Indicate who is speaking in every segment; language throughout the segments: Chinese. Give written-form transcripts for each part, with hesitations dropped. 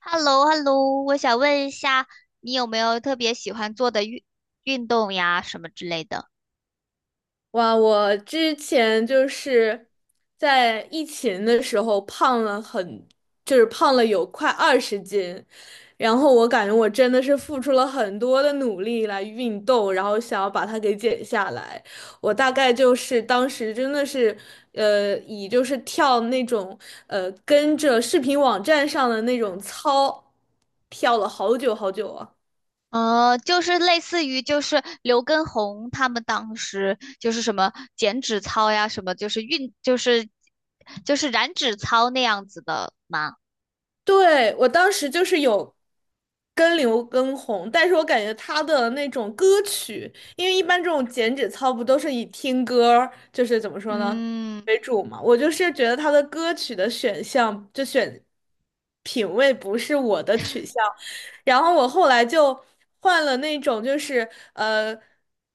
Speaker 1: Hello, hello 我想问一下，你有没有特别喜欢做的运动呀，什么之类的？
Speaker 2: 哇，我之前就是在疫情的时候胖了很，就是胖了有快20斤，然后我感觉我真的是付出了很多的努力来运动，然后想要把它给减下来。我大概就是当时真的是，以就是跳那种跟着视频网站上的那种操，跳了好久好久啊。
Speaker 1: 就是类似于就是刘畊宏他们当时就是什么减脂操呀，什么就是运就是就是燃脂操那样子的吗？
Speaker 2: 对，我当时就是有跟刘畊宏，但是我感觉他的那种歌曲，因为一般这种减脂操不都是以听歌儿就是怎么说呢，
Speaker 1: 嗯
Speaker 2: 为主嘛。我就是觉得他的歌曲的选项，就选品味不是我的取向，然后我后来就换了那种，就是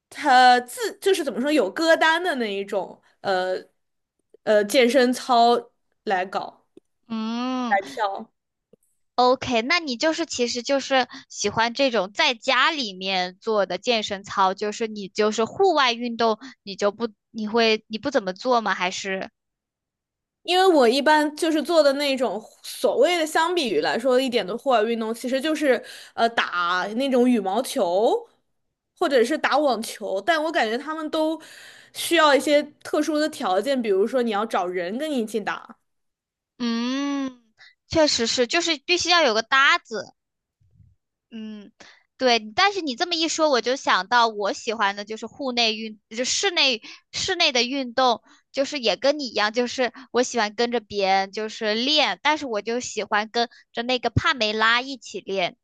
Speaker 2: 他自就是怎么说有歌单的那一种，健身操来搞
Speaker 1: 嗯
Speaker 2: 来跳。
Speaker 1: ，OK，那你就是其实就是喜欢这种在家里面做的健身操，就是你就是户外运动，你就不你会你不怎么做吗？还是？
Speaker 2: 因为我一般就是做的那种所谓的相比于来说一点的户外运动，其实就是打那种羽毛球，或者是打网球，但我感觉他们都需要一些特殊的条件，比如说你要找人跟你一起打。
Speaker 1: 嗯，确实是，就是必须要有个搭子。嗯，对。但是你这么一说，我就想到我喜欢的就是户内运，就室内的运动，就是也跟你一样，就是我喜欢跟着别人就是练，但是我就喜欢跟着那个帕梅拉一起练。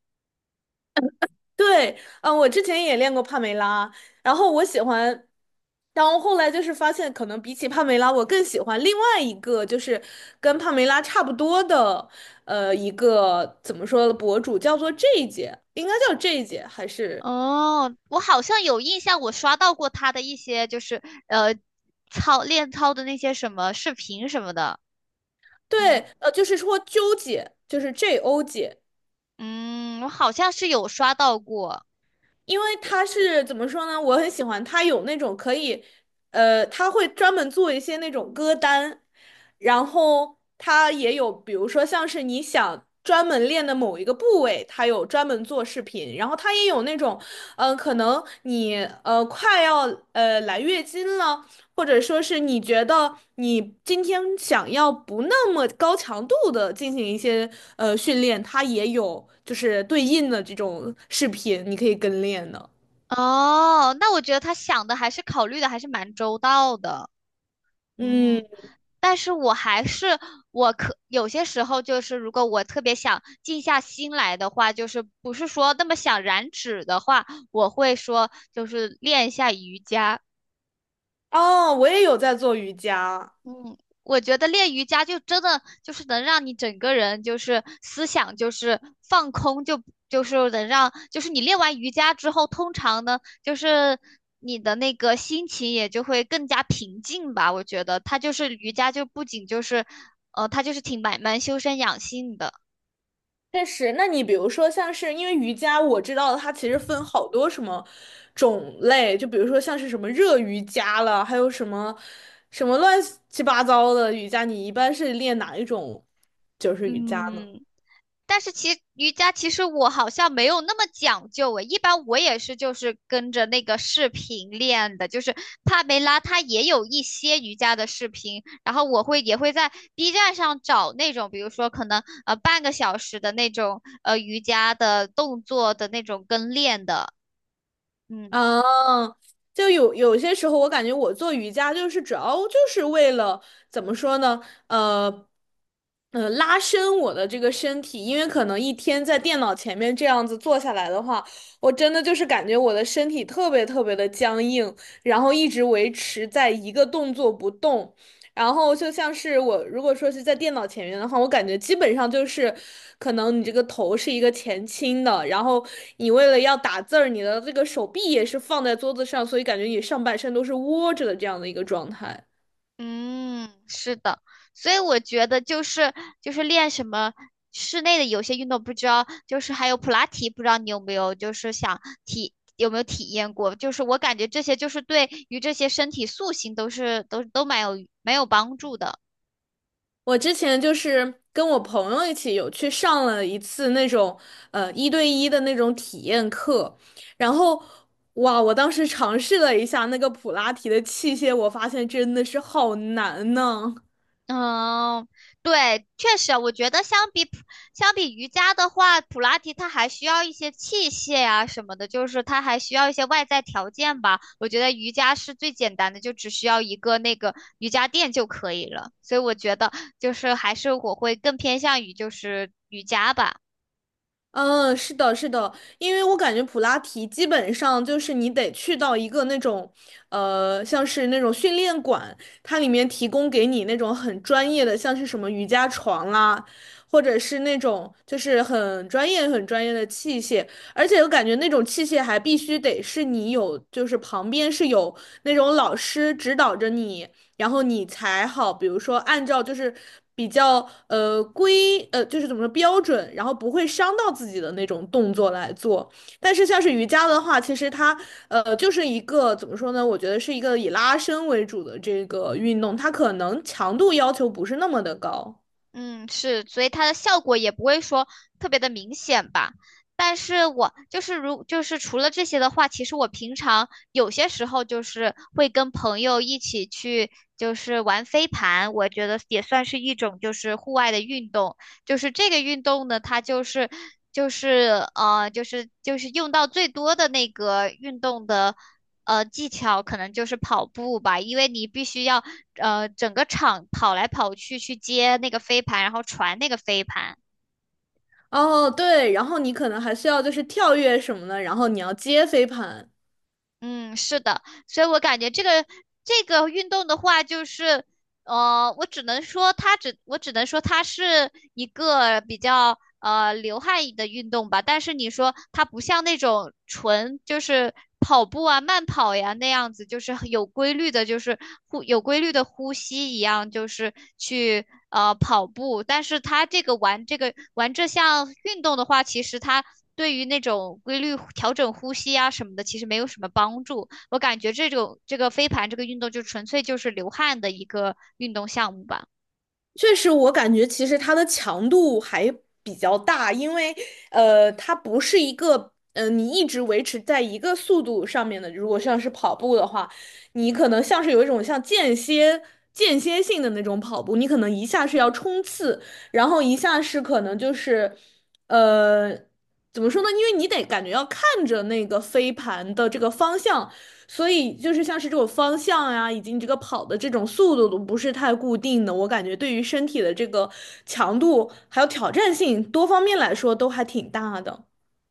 Speaker 2: 对，嗯，我之前也练过帕梅拉，然后我喜欢，然后后来就是发现，可能比起帕梅拉，我更喜欢另外一个，就是跟帕梅拉差不多的，呃，一个怎么说的博主，叫做 J 姐，应该叫 J 姐还是
Speaker 1: 哦，我好像有印象，我刷到过他的一些就是呃练操的那些什么视频什么的。
Speaker 2: 对，就是说纠姐，就是 J O 姐，
Speaker 1: 嗯，我好像是有刷到过。
Speaker 2: 因为他是怎么说呢？我很喜欢他有那种可以，他会专门做一些那种歌单，然后他也有，比如说像是你想专门练的某一个部位，他有专门做视频，然后他也有那种，嗯、可能你快要来月经了，或者说是你觉得你今天想要不那么高强度的进行一些训练，它也有就是对应的这种视频，你可以跟练的。
Speaker 1: 哦，那我觉得他想的还是考虑的还是蛮周到的，
Speaker 2: 嗯，
Speaker 1: 嗯，但是我还是我可有些时候就是，如果我特别想静下心来的话，就是不是说那么想燃脂的话，我会说就是练一下瑜伽。
Speaker 2: 哦，我也有在做瑜伽。
Speaker 1: 嗯，我觉得练瑜伽就真的就是能让你整个人就是思想就是放空就是能让就是你练完瑜伽之后，通常呢就是你的那个心情也就会更加平静吧。我觉得它就是瑜伽就不仅就是，它就是挺蛮修身养性的。
Speaker 2: 确实，那你比如说像是因为瑜伽，我知道它其实分好多什么种类，就比如说像是什么热瑜伽了，还有什么什么乱七八糟的瑜伽，你一般是练哪一种就是瑜伽呢？
Speaker 1: 嗯，但是瑜伽其实我好像没有那么讲究诶，一般我也是就是跟着那个视频练的，就是帕梅拉她也有一些瑜伽的视频，然后也会在 B站上找那种，比如说可能半个小时的那种瑜伽的动作的那种跟练的，嗯。
Speaker 2: 嗯，就有些时候，我感觉我做瑜伽就是主要就是为了怎么说呢？拉伸我的这个身体，因为可能一天在电脑前面这样子坐下来的话，我真的就是感觉我的身体特别特别的僵硬，然后一直维持在一个动作不动，然后就像是我如果说是在电脑前面的话，我感觉基本上就是，可能你这个头是一个前倾的，然后你为了要打字儿，你的这个手臂也是放在桌子上，所以感觉你上半身都是窝着的这样的一个状态。
Speaker 1: 嗯，是的，所以我觉得就是练什么室内的有些运动，不知道就是还有普拉提，不知道你有没有就是有没有体验过？就是我感觉这些就是对于这些身体塑形都是都都蛮有帮助的。
Speaker 2: 我之前就是跟我朋友一起有去上了一次那种1对1的那种体验课，然后哇，我当时尝试了一下那个普拉提的器械，我发现真的是好难呢。
Speaker 1: 嗯，对，确实，我觉得相比瑜伽的话，普拉提它还需要一些器械呀、什么的，就是它还需要一些外在条件吧。我觉得瑜伽是最简单的，就只需要一个那个瑜伽垫就可以了。所以我觉得就是还是我会更偏向于就是瑜伽吧。
Speaker 2: 嗯，是的，是的，因为我感觉普拉提基本上就是你得去到一个那种，呃，像是那种训练馆，它里面提供给你那种很专业的，像是什么瑜伽床啦，或者是那种就是很专业、很专业的器械，而且我感觉那种器械还必须得是你有，就是旁边是有那种老师指导着你，然后你才好，比如说按照就是比较规就是怎么说标准，然后不会伤到自己的那种动作来做。但是像是瑜伽的话，其实它就是一个怎么说呢？我觉得是一个以拉伸为主的这个运动，它可能强度要求不是那么的高。
Speaker 1: 嗯，是，所以它的效果也不会说特别的明显吧。但是我就是就是除了这些的话，其实我平常有些时候就是会跟朋友一起去就是玩飞盘，我觉得也算是一种就是户外的运动。就是这个运动呢，它就是用到最多的那个运动的。技巧可能就是跑步吧，因为你必须要整个场跑来跑去去接那个飞盘，然后传那个飞盘。
Speaker 2: 哦，对，然后你可能还需要就是跳跃什么的，然后你要接飞盘。
Speaker 1: 嗯，是的，所以我感觉这个运动的话，就是我只能说它是一个比较流汗的运动吧。但是你说它不像那种纯就是跑步啊、慢跑呀那样子，就是很有规律的，就是有规律的呼吸一样，就是去跑步。但是它这个玩这个玩这项运动的话，其实它对于那种规律调整呼吸啊什么的，其实没有什么帮助。我感觉这种这个飞盘这个运动就纯粹就是流汗的一个运动项目吧。
Speaker 2: 确实，我感觉其实它的强度还比较大，因为它不是一个你一直维持在一个速度上面的。如果像是跑步的话，你可能像是有一种像间歇性的那种跑步，你可能一下是要冲刺，然后一下是可能就是呃，怎么说呢？因为你得感觉要看着那个飞盘的这个方向。所以就是像是这种方向呀、以及你这个跑的这种速度都不是太固定的，我感觉对于身体的这个强度还有挑战性多方面来说都还挺大的。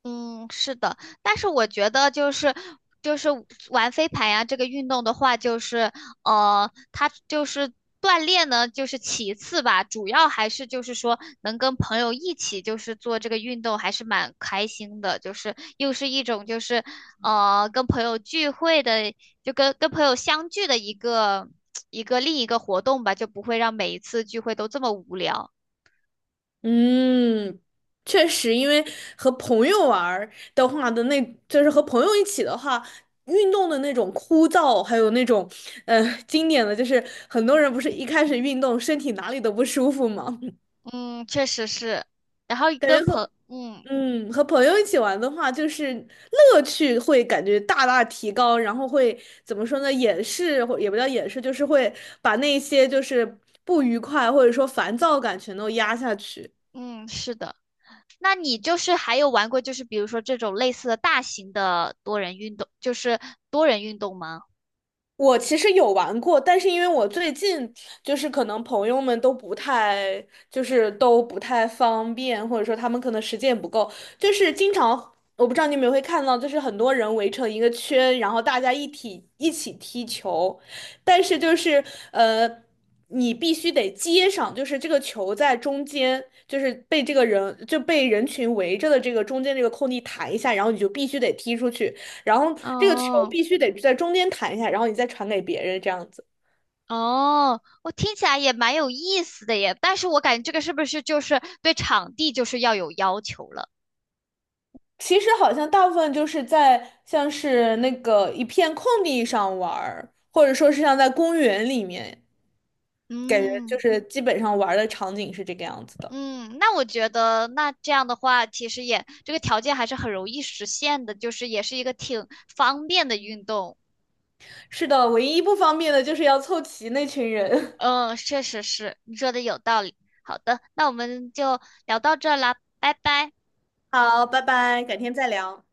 Speaker 1: 嗯，是的，但是我觉得就是玩飞盘呀，这个运动的话，就是它就是锻炼呢，就是其次吧，主要还是就是说能跟朋友一起就是做这个运动，还是蛮开心的，就是又是一种就是跟朋友聚会的，就跟朋友相聚的一个 另一个活动吧，就不会让每一次聚会都这么无聊。
Speaker 2: 嗯，确实，因为和朋友玩儿的话的那，就是和朋友一起的话。运动的那种枯燥，还有那种，呃，经典的就是很多人不是一开始运动身体哪里都不舒服吗？
Speaker 1: 嗯，确实是，然后
Speaker 2: 感觉和
Speaker 1: 嗯
Speaker 2: 嗯，和朋友一起玩的话，就是乐趣会感觉大大提高，然后会怎么说呢？掩饰或也不叫掩饰，就是会把那些就是不愉快或者说烦躁感全都压下去。
Speaker 1: 嗯，是的。那你就是还有玩过，就是比如说这种类似的大型的多人运动，就是多人运动吗？
Speaker 2: 我其实有玩过，但是因为我最近就是可能朋友们都不太，就是都不太方便，或者说他们可能时间也不够，就是经常我不知道你们会看到，就是很多人围成一个圈，然后大家一体一起踢球，但是就是呃，你必须得接上，就是这个球在中间，就是被这个人就被人群围着的这个中间这个空地弹一下，然后你就必须得踢出去。然后这个球
Speaker 1: 哦，
Speaker 2: 必须得在中间弹一下，然后你再传给别人这样子。
Speaker 1: 哦，我听起来也蛮有意思的耶，但是我感觉这个是不是就是对场地就是要有要求了？
Speaker 2: 其实好像大部分就是在像是那个一片空地上玩儿，或者说是像在公园里面，感觉就
Speaker 1: 嗯
Speaker 2: 是基本上玩儿的场景是这个样子的。
Speaker 1: 嗯，那我觉得那这样的话，其实也这个条件还是很容易实现的，就是也是一个挺方便的运动。
Speaker 2: 是的，唯一不方便的就是要凑齐那群人。
Speaker 1: 嗯，确实是，你说的有道理。好的，那我们就聊到这儿啦，拜拜。
Speaker 2: 好，拜拜，改天再聊。